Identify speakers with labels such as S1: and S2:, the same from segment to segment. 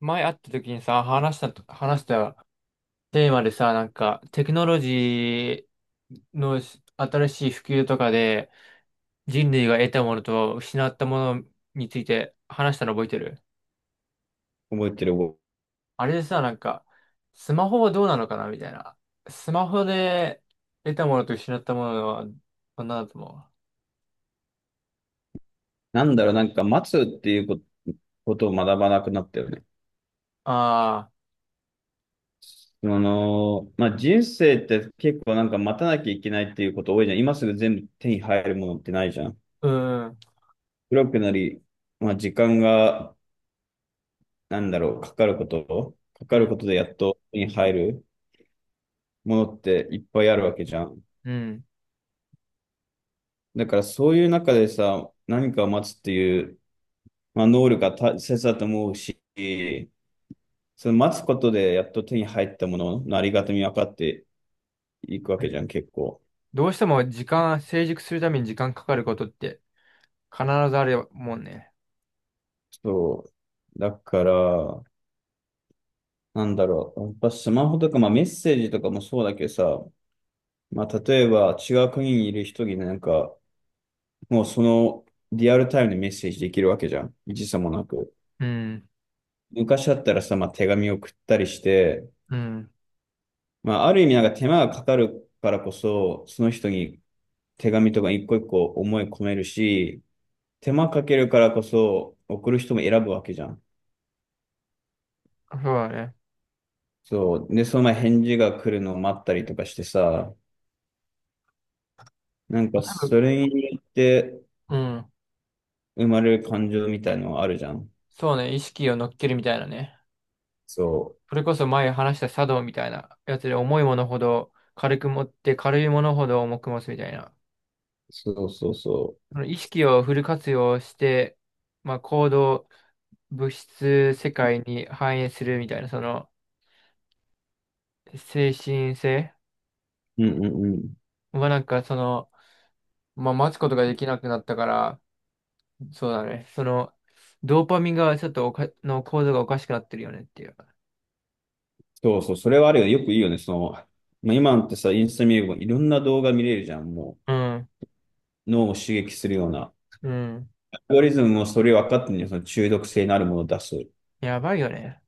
S1: 前会った時にさ、話したテーマでさ、テクノロジーの新しい普及とかで、人類が得たものと失ったものについて話したの覚えてる。
S2: 覚えてる。
S1: あれでさ、スマホはどうなのかなみたいな。スマホで得たものと失ったものは、何だと思う？
S2: なんか待つっていうことを学ばなくなったよね。
S1: あ
S2: まあ、人生って結構なんか待たなきゃいけないっていうこと多いじゃん。今すぐ全部手に入るものってないじゃん。
S1: あー、うん、
S2: 黒くなり、まあ、時間が、か
S1: う
S2: かる
S1: ん、
S2: ことでやっと手に入るものっていっぱいあるわけじゃん。
S1: うん。
S2: だからそういう中でさ、何かを待つっていう、まあ、能力が大切だと思うし、その待つことでやっと手に入ったもののありがたみ分かって、行くわけじゃん、結構。
S1: どうしても時間、成熟するために時間かかることって必ずあるもんね。
S2: そう。だから、やっぱスマホとか、まあメッセージとかもそうだけどさ、まあ例えば違う国にいる人になんか、もうそのリアルタイムでメッセージできるわけじゃん。時差もなく。
S1: うん、
S2: 昔だったらさ、まあ手紙を送ったりして、
S1: うん。
S2: まあある意味なんか手間がかかるからこそ、その人に手紙とか一個一個思い込めるし、手間かけるからこそ送る人も選ぶわけじゃん。
S1: そうだね。
S2: そう。で、その前返事が来るのを待ったりとかしてさ、なんか
S1: まあ、多分、
S2: それによって
S1: うん。
S2: 生まれる感情みたいのはあるじゃん。
S1: そうね、意識を乗っけるみたいなね。
S2: そ
S1: それこそ前話した茶道みたいなやつで重いものほど軽く持って軽いものほど重く持つみたいな。
S2: う。そうそうそ
S1: その意識をフル活用して、まあ、行動、物質世界に反映するみたいな、その精神性
S2: う。うんうんうん。
S1: はなんかその、まあ、待つことができなくなったから、そうだね。その、ドーパミンがちょっとおか、の構造がおかしくなってるよねっていう。
S2: そうそう。それはあるよね。よくいいよね。まあ、今ってさ、インスタ見ればいろんな動画見れるじゃん。も
S1: うん。
S2: う脳を刺激するような。
S1: うん。
S2: アルゴリズムもそれ分かってんのよ。その中毒性のあるものを出す。
S1: やばいよね。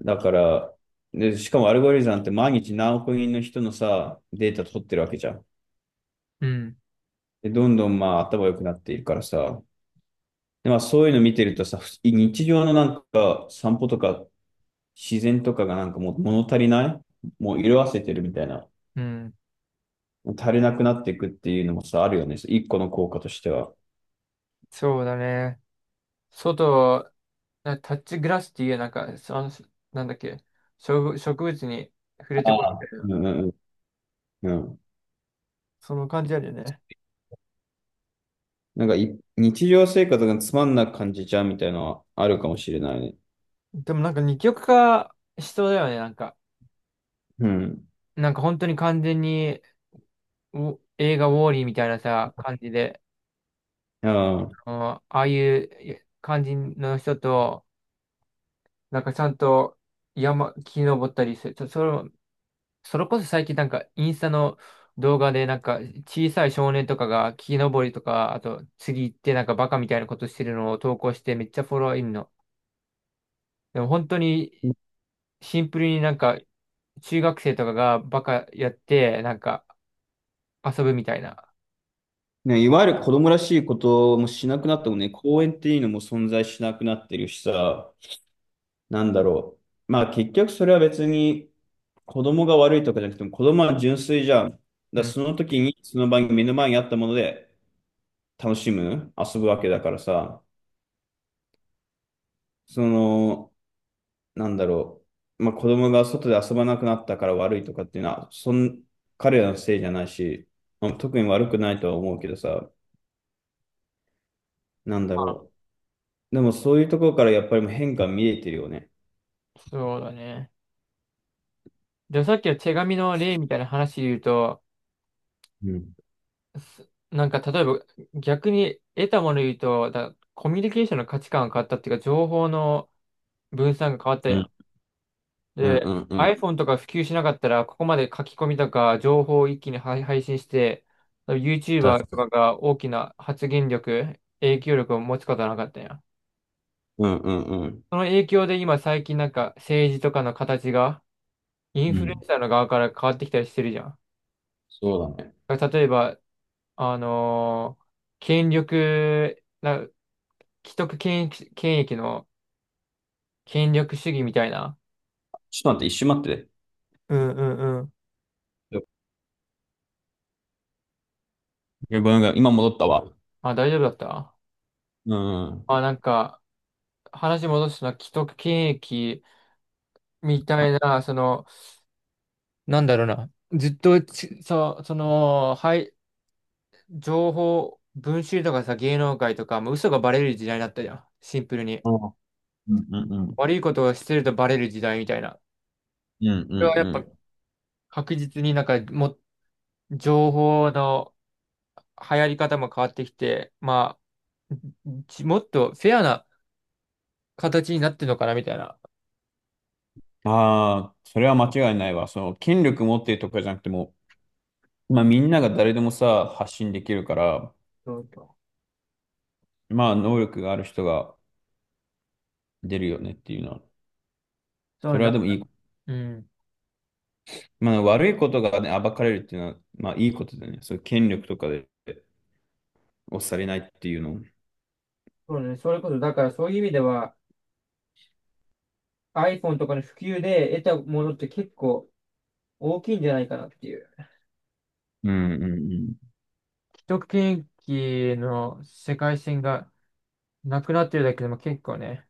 S2: だから、で、しかもアルゴリズムなんて毎日何億人の人のさ、データ取ってるわけじゃん。
S1: うん、
S2: で、どんどんまあ頭良くなっているからさ、で、まあそういうの見てるとさ、日常のなんか散歩とか自然とかがなんかもう物足りない、もう色あせてるみたいな。
S1: うん、
S2: 足りなくなっていくっていうのもさ、あるよね。一個の効果としては。
S1: そうだね。外、なタッチグラスっていう、なんか、その、なんだっけ、植物に触れて
S2: あ
S1: こる
S2: あ。
S1: みたい
S2: う
S1: な、
S2: んうんうん。うん。
S1: その感じあるよね。
S2: なんか日常生活がつまんなく感じちゃうみたいなのはあるかもしれないね。
S1: でもなんか二極化しそうだよね、なんか。
S2: うん。
S1: なんか本当に完全に、映画ウォーリーみたいなさ、感じで、
S2: ああ。
S1: うん、ああいう感じの人と、なんかちゃんと木登ったりする。それもそれこそ最近なんかインスタの動画でなんか小さい少年とかが木登りとか、あと次行ってなんかバカみたいなことしてるのを投稿してめっちゃフォロワーいるの。でも本当にシンプルになんか中学生とかがバカやってなんか遊ぶみたいな。
S2: ね、いわゆる子供らしいこともしなくなったもんね、公園っていうのも存在しなくなってるしさ、なんだろまあ結局それは別に子供が悪いとかじゃなくても子供は純粋じゃん。だか
S1: う
S2: ら
S1: ん。
S2: その時にその場に目の前にあったもので楽しむ、遊ぶわけだからさ、その、なんだろまあ子供が外で遊ばなくなったから悪いとかっていうのは、彼らのせいじゃないし、まあ特に悪くないとは思うけどさ、なんだ
S1: あ、
S2: ろでもそういうところからやっぱりもう変化見えてるよね。
S1: そうだね。で、さっきの手紙の例みたいな話で言うと、
S2: うん。
S1: なんか例えば逆に得たもの言うと、コミュニケーションの価値観が変わったっていうか情報の分散が変わった
S2: う
S1: や
S2: ん
S1: ん。
S2: うんう
S1: で、
S2: んうん。
S1: iPhone とか普及しなかったら、ここまで書き込みとか情報を一気に配信して、YouTuber
S2: 確
S1: と
S2: か
S1: か
S2: に。
S1: が大きな発言力、影響力を持つことはなかったんや。
S2: うんうんうん。
S1: その影響で今最近なんか政治とかの形がイン
S2: う
S1: フルエ
S2: ん。
S1: ンサーの側から変わってきたりしてるじゃん。
S2: そうだね。
S1: だから例えば、あのー権力、な、既得権益、権益の権力主義みたいな。
S2: ちょっと待って、一瞬待って。
S1: うんうんうん。
S2: ごめんごめん、今戻ったわ。
S1: あ、大丈夫だった？
S2: うん。うん。
S1: あ、なんか、話戻すのは既得権益みたいな、その、なんだろうな。ずっとち、そう、その、はい、情報、文集とかさ、芸能界とか、もう嘘がバレる時代だったじゃん。シンプルに。
S2: うんうんうん。
S1: 悪いことをしてるとバレる時代みたいな。
S2: うん
S1: それはやっ
S2: う
S1: ぱ
S2: ん
S1: 確実になんか、も、情報の流行り方も変わってきて、まあ、もっとフェアな形になってるのかな、みたいな。
S2: うん。ああ、それは間違いないわ。権力持ってるとかじゃなくても、まあみんなが誰でもさ、発信できるから、
S1: そうそう、
S2: まあ能力がある人が出るよねっていうのは、
S1: そう
S2: そ
S1: ね
S2: れはで
S1: だ。
S2: もいい。
S1: うん。
S2: まあ悪いことがね、暴かれるっていうのは、まあいいことだよね。そういう権力とかで押されないっていうの。うん
S1: そうね。それこそ、だからそういう意味では、iPhone とかの普及で得たものって結構大きいんじゃないかなっていう。
S2: うんうん。
S1: 一区域の世界線がなくなってるだけでも結構ね、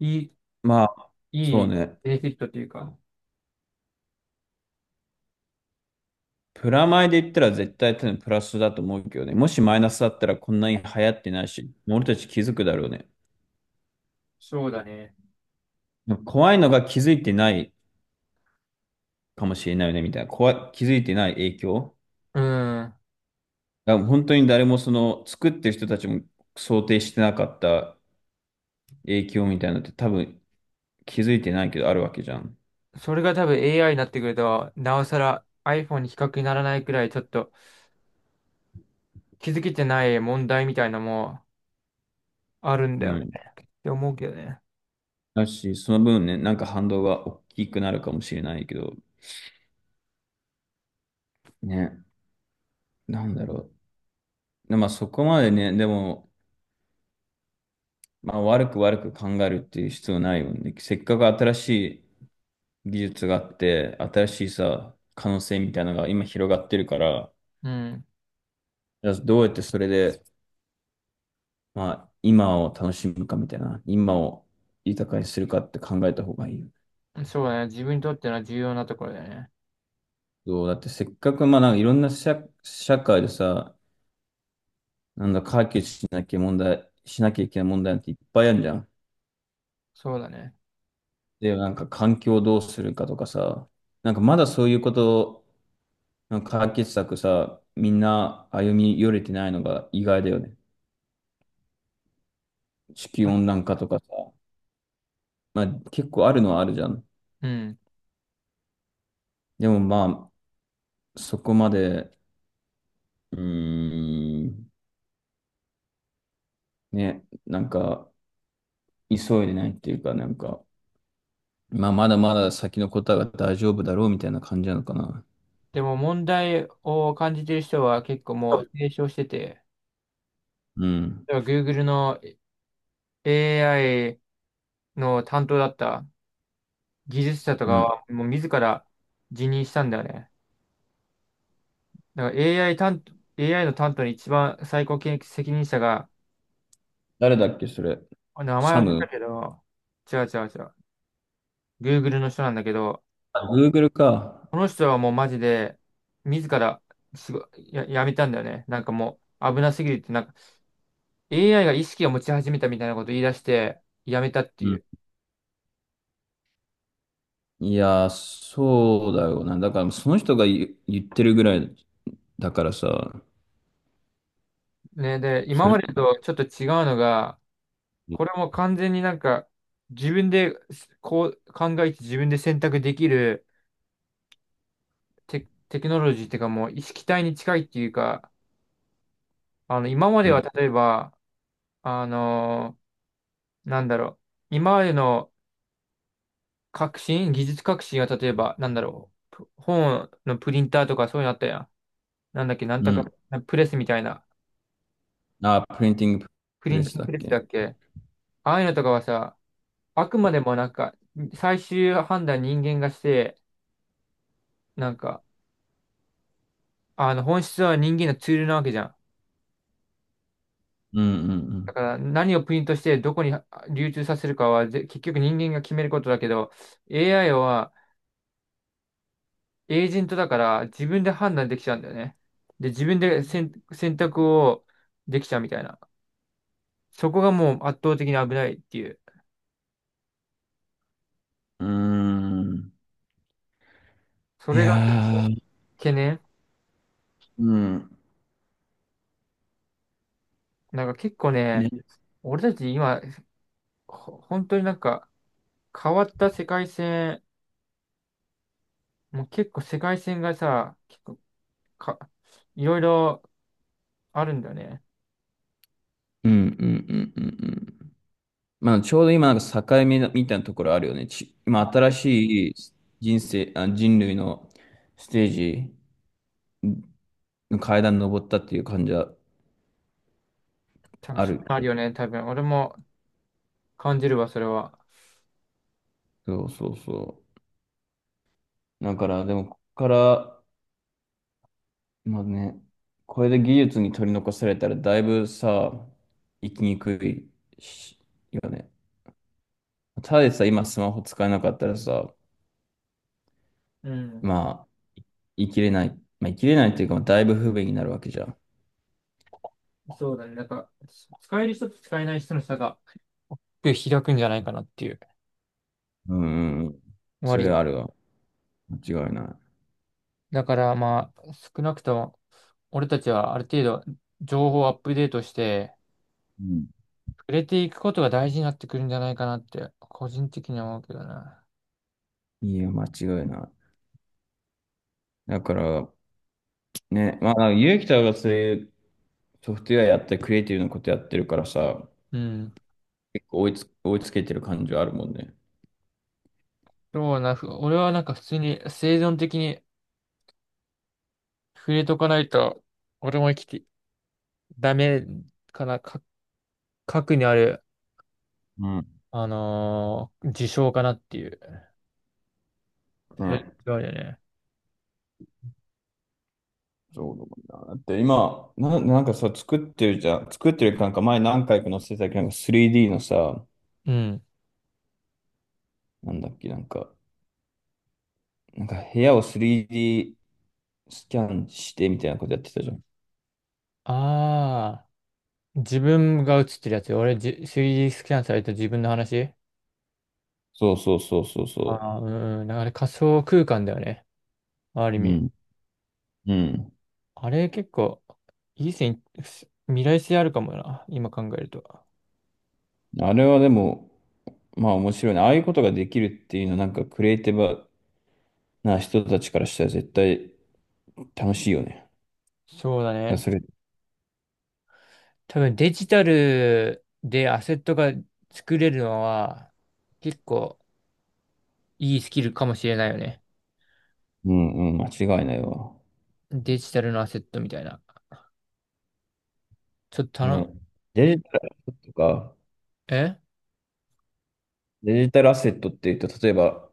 S1: いい、
S2: まあ、
S1: い
S2: そう
S1: い
S2: ね。
S1: ベネフィットというか、
S2: プラマイで言ったら絶対多分プラスだと思うけどね。もしマイナスだったらこんなに流行ってないし、俺たち気づくだろうね。
S1: そうだね。
S2: 怖いのが気づいてないかもしれないよね、みたいな。怖い、気づいてない影響。
S1: うん。
S2: だから本当に誰もその作ってる人たちも想定してなかった影響みたいなのって多分気づいてないけどあるわけじゃん。
S1: それが多分 AI になってくると、なおさら iPhone に比較にならないくらいちょっと気づけてない問題みたいなのもあるんだ
S2: う
S1: よね。
S2: ん。
S1: って思うけどね。
S2: だし、その分ね、なんか反動が大きくなるかもしれないけど、ね、なんだろでまあそこまでね、でも、まあ、悪く悪く考えるっていう必要ないよね。せっかく新しい技術があって、新しいさ、可能性みたいなのが今広がってるから、
S1: うん。
S2: じゃあどうやってそれで、まあ、今を楽しむかみたいな、今を豊かにするかって考えた方がいいよね。
S1: そうだね。自分にとっての重要なところだよね。
S2: そう、だってせっかく、まあ、なんかいろんな社会でさ、なんだ、解決しなきゃ問題、しなきゃいけない問題なんていっぱいあるじゃん。
S1: そうだね。
S2: で、なんか環境をどうするかとかさ、なんかまだそういうこと、なんか解決策さ、みんな歩み寄れてないのが意外だよね。地球温暖化とかさ、まあ結構あるのはあるじゃん。
S1: うん。
S2: でもまあ、そこまで、うーん、ね、なんか急いでないっていうか、なんか、まあまだまだ先のことは大丈夫だろうみたいな感じなのかな。
S1: でも問題を感じてる人は結構もう提唱してて、
S2: うん。
S1: では Google の AI の担当だった技術者とか
S2: うん。
S1: はもう自ら辞任したんだよね。だから AI 担当、AI の担当の一番最高権責任者が、
S2: 誰だっけ、それ。
S1: あ、名前
S2: サ
S1: 忘れた
S2: ム。
S1: けど、違う違う違う。Google の人なんだけど、
S2: あ、Google か。
S1: この人はもうマジで自ら仕事や、やめたんだよね。なんかもう危なすぎるって、なんか AI が意識を持ち始めたみたいなことを言い出して、やめたって
S2: う
S1: い
S2: ん。
S1: う。
S2: いやー、そうだよな。だから、その人が言ってるぐらいだからさ、
S1: ね、で、今
S2: それ、
S1: までとちょっと違うのが、これも完全になんか、自分でこう考えて自分で選択できるテクノロジーっていうかもう意識体に近いっていうか、あの、今ま
S2: う
S1: では
S2: ん。
S1: 例えば、あのーなんだろう、今までの技術革新は例えば、なんだろう、本のプリンターとかそういうのあったやん。なんだっけ、なん
S2: う
S1: とか、
S2: ん。
S1: プレスみたいな、
S2: あ、プリンティング
S1: プ
S2: プ
S1: リ
S2: レ
S1: ンテ
S2: ス
S1: ィン
S2: だ
S1: グプ
S2: っ
S1: レス
S2: け。
S1: だっけ。ああいうのとかはさ、あくまでもなんか、最終判断人間がして、なんか、あの本質は人間のツールなわけじゃん。
S2: うんう
S1: だ
S2: ん
S1: から何をプリントしてどこに流通させるかは結局人間が決めることだけど、 AI はエージェントだから自分で判断できちゃうんだよね。で、自分で選、選択をできちゃうみたいな。そこがもう圧倒的に危ないっていう。
S2: うん。うーん。
S1: そ
S2: い
S1: れが結
S2: や
S1: 構
S2: ー、
S1: 懸念。
S2: うん。
S1: なんか結構ね、
S2: ね。
S1: 俺たち今、本当になんか変わった世界線、もう結構世界線がさ、結構か、いろいろあるんだよね。
S2: うんうんうんうんうん。まあ、ちょうど今、なんか境目だみたいなところあるよね。
S1: あ、
S2: 今、
S1: い
S2: 新
S1: や、
S2: しい人生、あ、人類のステージの階段登ったっていう感じは
S1: 多分
S2: あ
S1: そう
S2: る
S1: な
S2: け
S1: る
S2: ど。
S1: よね、多分。俺も感じるわ、それは。
S2: そうそうそう。だから、でも、ここからまあね、これで技術に取り残されたらだいぶさ、生きにくいし、よね。ただでさ、今スマホ使えなかったらさ、
S1: うん。
S2: まあ、生きれない。まあ、生きれないっていうか、だいぶ不便になるわけじゃん。
S1: そうだね。なんか、使える人と使えない人の差が開くんじゃないかなっていう。
S2: うんうんうん。そ
S1: 割
S2: れ
S1: よ。
S2: はあるわ。間違いない。
S1: だからまあ、少なくとも、俺たちはある程度、情報をアップデートして、
S2: うん。
S1: 触れていくことが大事になってくるんじゃないかなって、個人的には思うけどな。
S2: いいよ、間違いない。だから、ね、まあ、ゆうきたがそういうソフトウェアやって、クリエイティブなことやってるからさ、
S1: うん。
S2: 結構追いつけてる感じはあるもんね。
S1: そうな、俺はなんか普通に生存的に触れとかないと、俺も生きて、ダメかな、か、核にある
S2: うん。
S1: あのー自称かなっていう。
S2: ね。
S1: それ違うよね。
S2: そうだもんな。だって今、なんかさ、作ってるじゃん。作ってるなんか前何回か載せてたけど、なんか 3D のさ、
S1: うん。
S2: なんだっけ、なんか部屋を 3D スキャンしてみたいなことやってたじゃん。
S1: ああ、自分が映ってるやつ。3D スキャンされた自分の話。
S2: そうそうそうそうそ
S1: ああー、うんうん。だから仮想空間だよね。ある意
S2: う。う
S1: 味。
S2: ん。うん。
S1: あれ結構、いい線、未来性あるかもな。今考えると。
S2: あれはでも、まあ面白いね。ああいうことができるっていうのは、なんかクリエイティブな人たちからしたら絶対楽しいよね。だか
S1: そうだ
S2: ら
S1: ね。
S2: それ、
S1: 多分デジタルでアセットが作れるのは、結構いいスキルかもしれないよね。
S2: うんうん、間違いないわ。
S1: デジタルのアセットみたいな。ちょっと頼む、
S2: ね。デジタルアセットとか、
S1: え、
S2: デジタルアセットっていうと、例えば、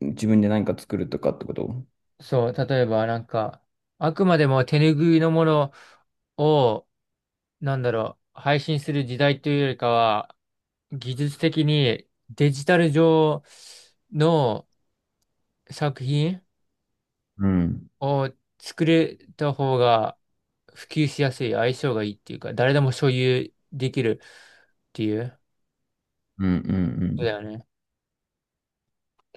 S2: 自分で何か作るとかってこと。
S1: そう、例えばなんか、あくまでも手拭いのものを、なんだろう、配信する時代というよりかは、技術的にデジタル上の作品
S2: うん。
S1: を作れた方が普及しやすい、相性がいいっていうか、誰でも所有できるっていう、
S2: うんうんう
S1: そうだ
S2: ん。
S1: よね。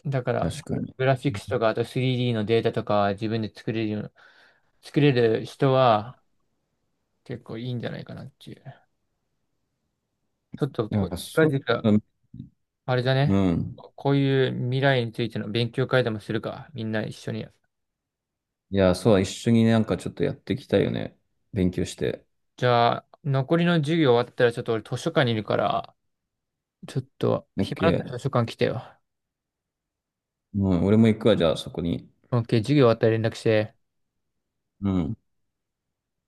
S1: だから、
S2: 確かに。
S1: グラフィックスとか、あと 3D のデータとか自分で作れるような、作れる人は結構いいんじゃないかなっていう。ちょっと
S2: な
S1: こ
S2: ん
S1: う、
S2: か
S1: 近
S2: そう、
S1: 々、
S2: うん。
S1: あれだ
S2: う
S1: ね。
S2: ん。
S1: こういう未来についての勉強会でもするか。みんな一緒に。
S2: いや、そう、一緒になんかちょっとやっていきたいよね。勉強して。
S1: じゃあ、残りの授業終わったら、ちょっと俺図書館にいるから、ちょっと、
S2: オッ
S1: 暇だっ
S2: ケ
S1: たら
S2: ー。
S1: 図書館来てよ。
S2: うん、俺も行くわ、じゃあそこに。
S1: OK、授業終わったら連絡して。
S2: うん。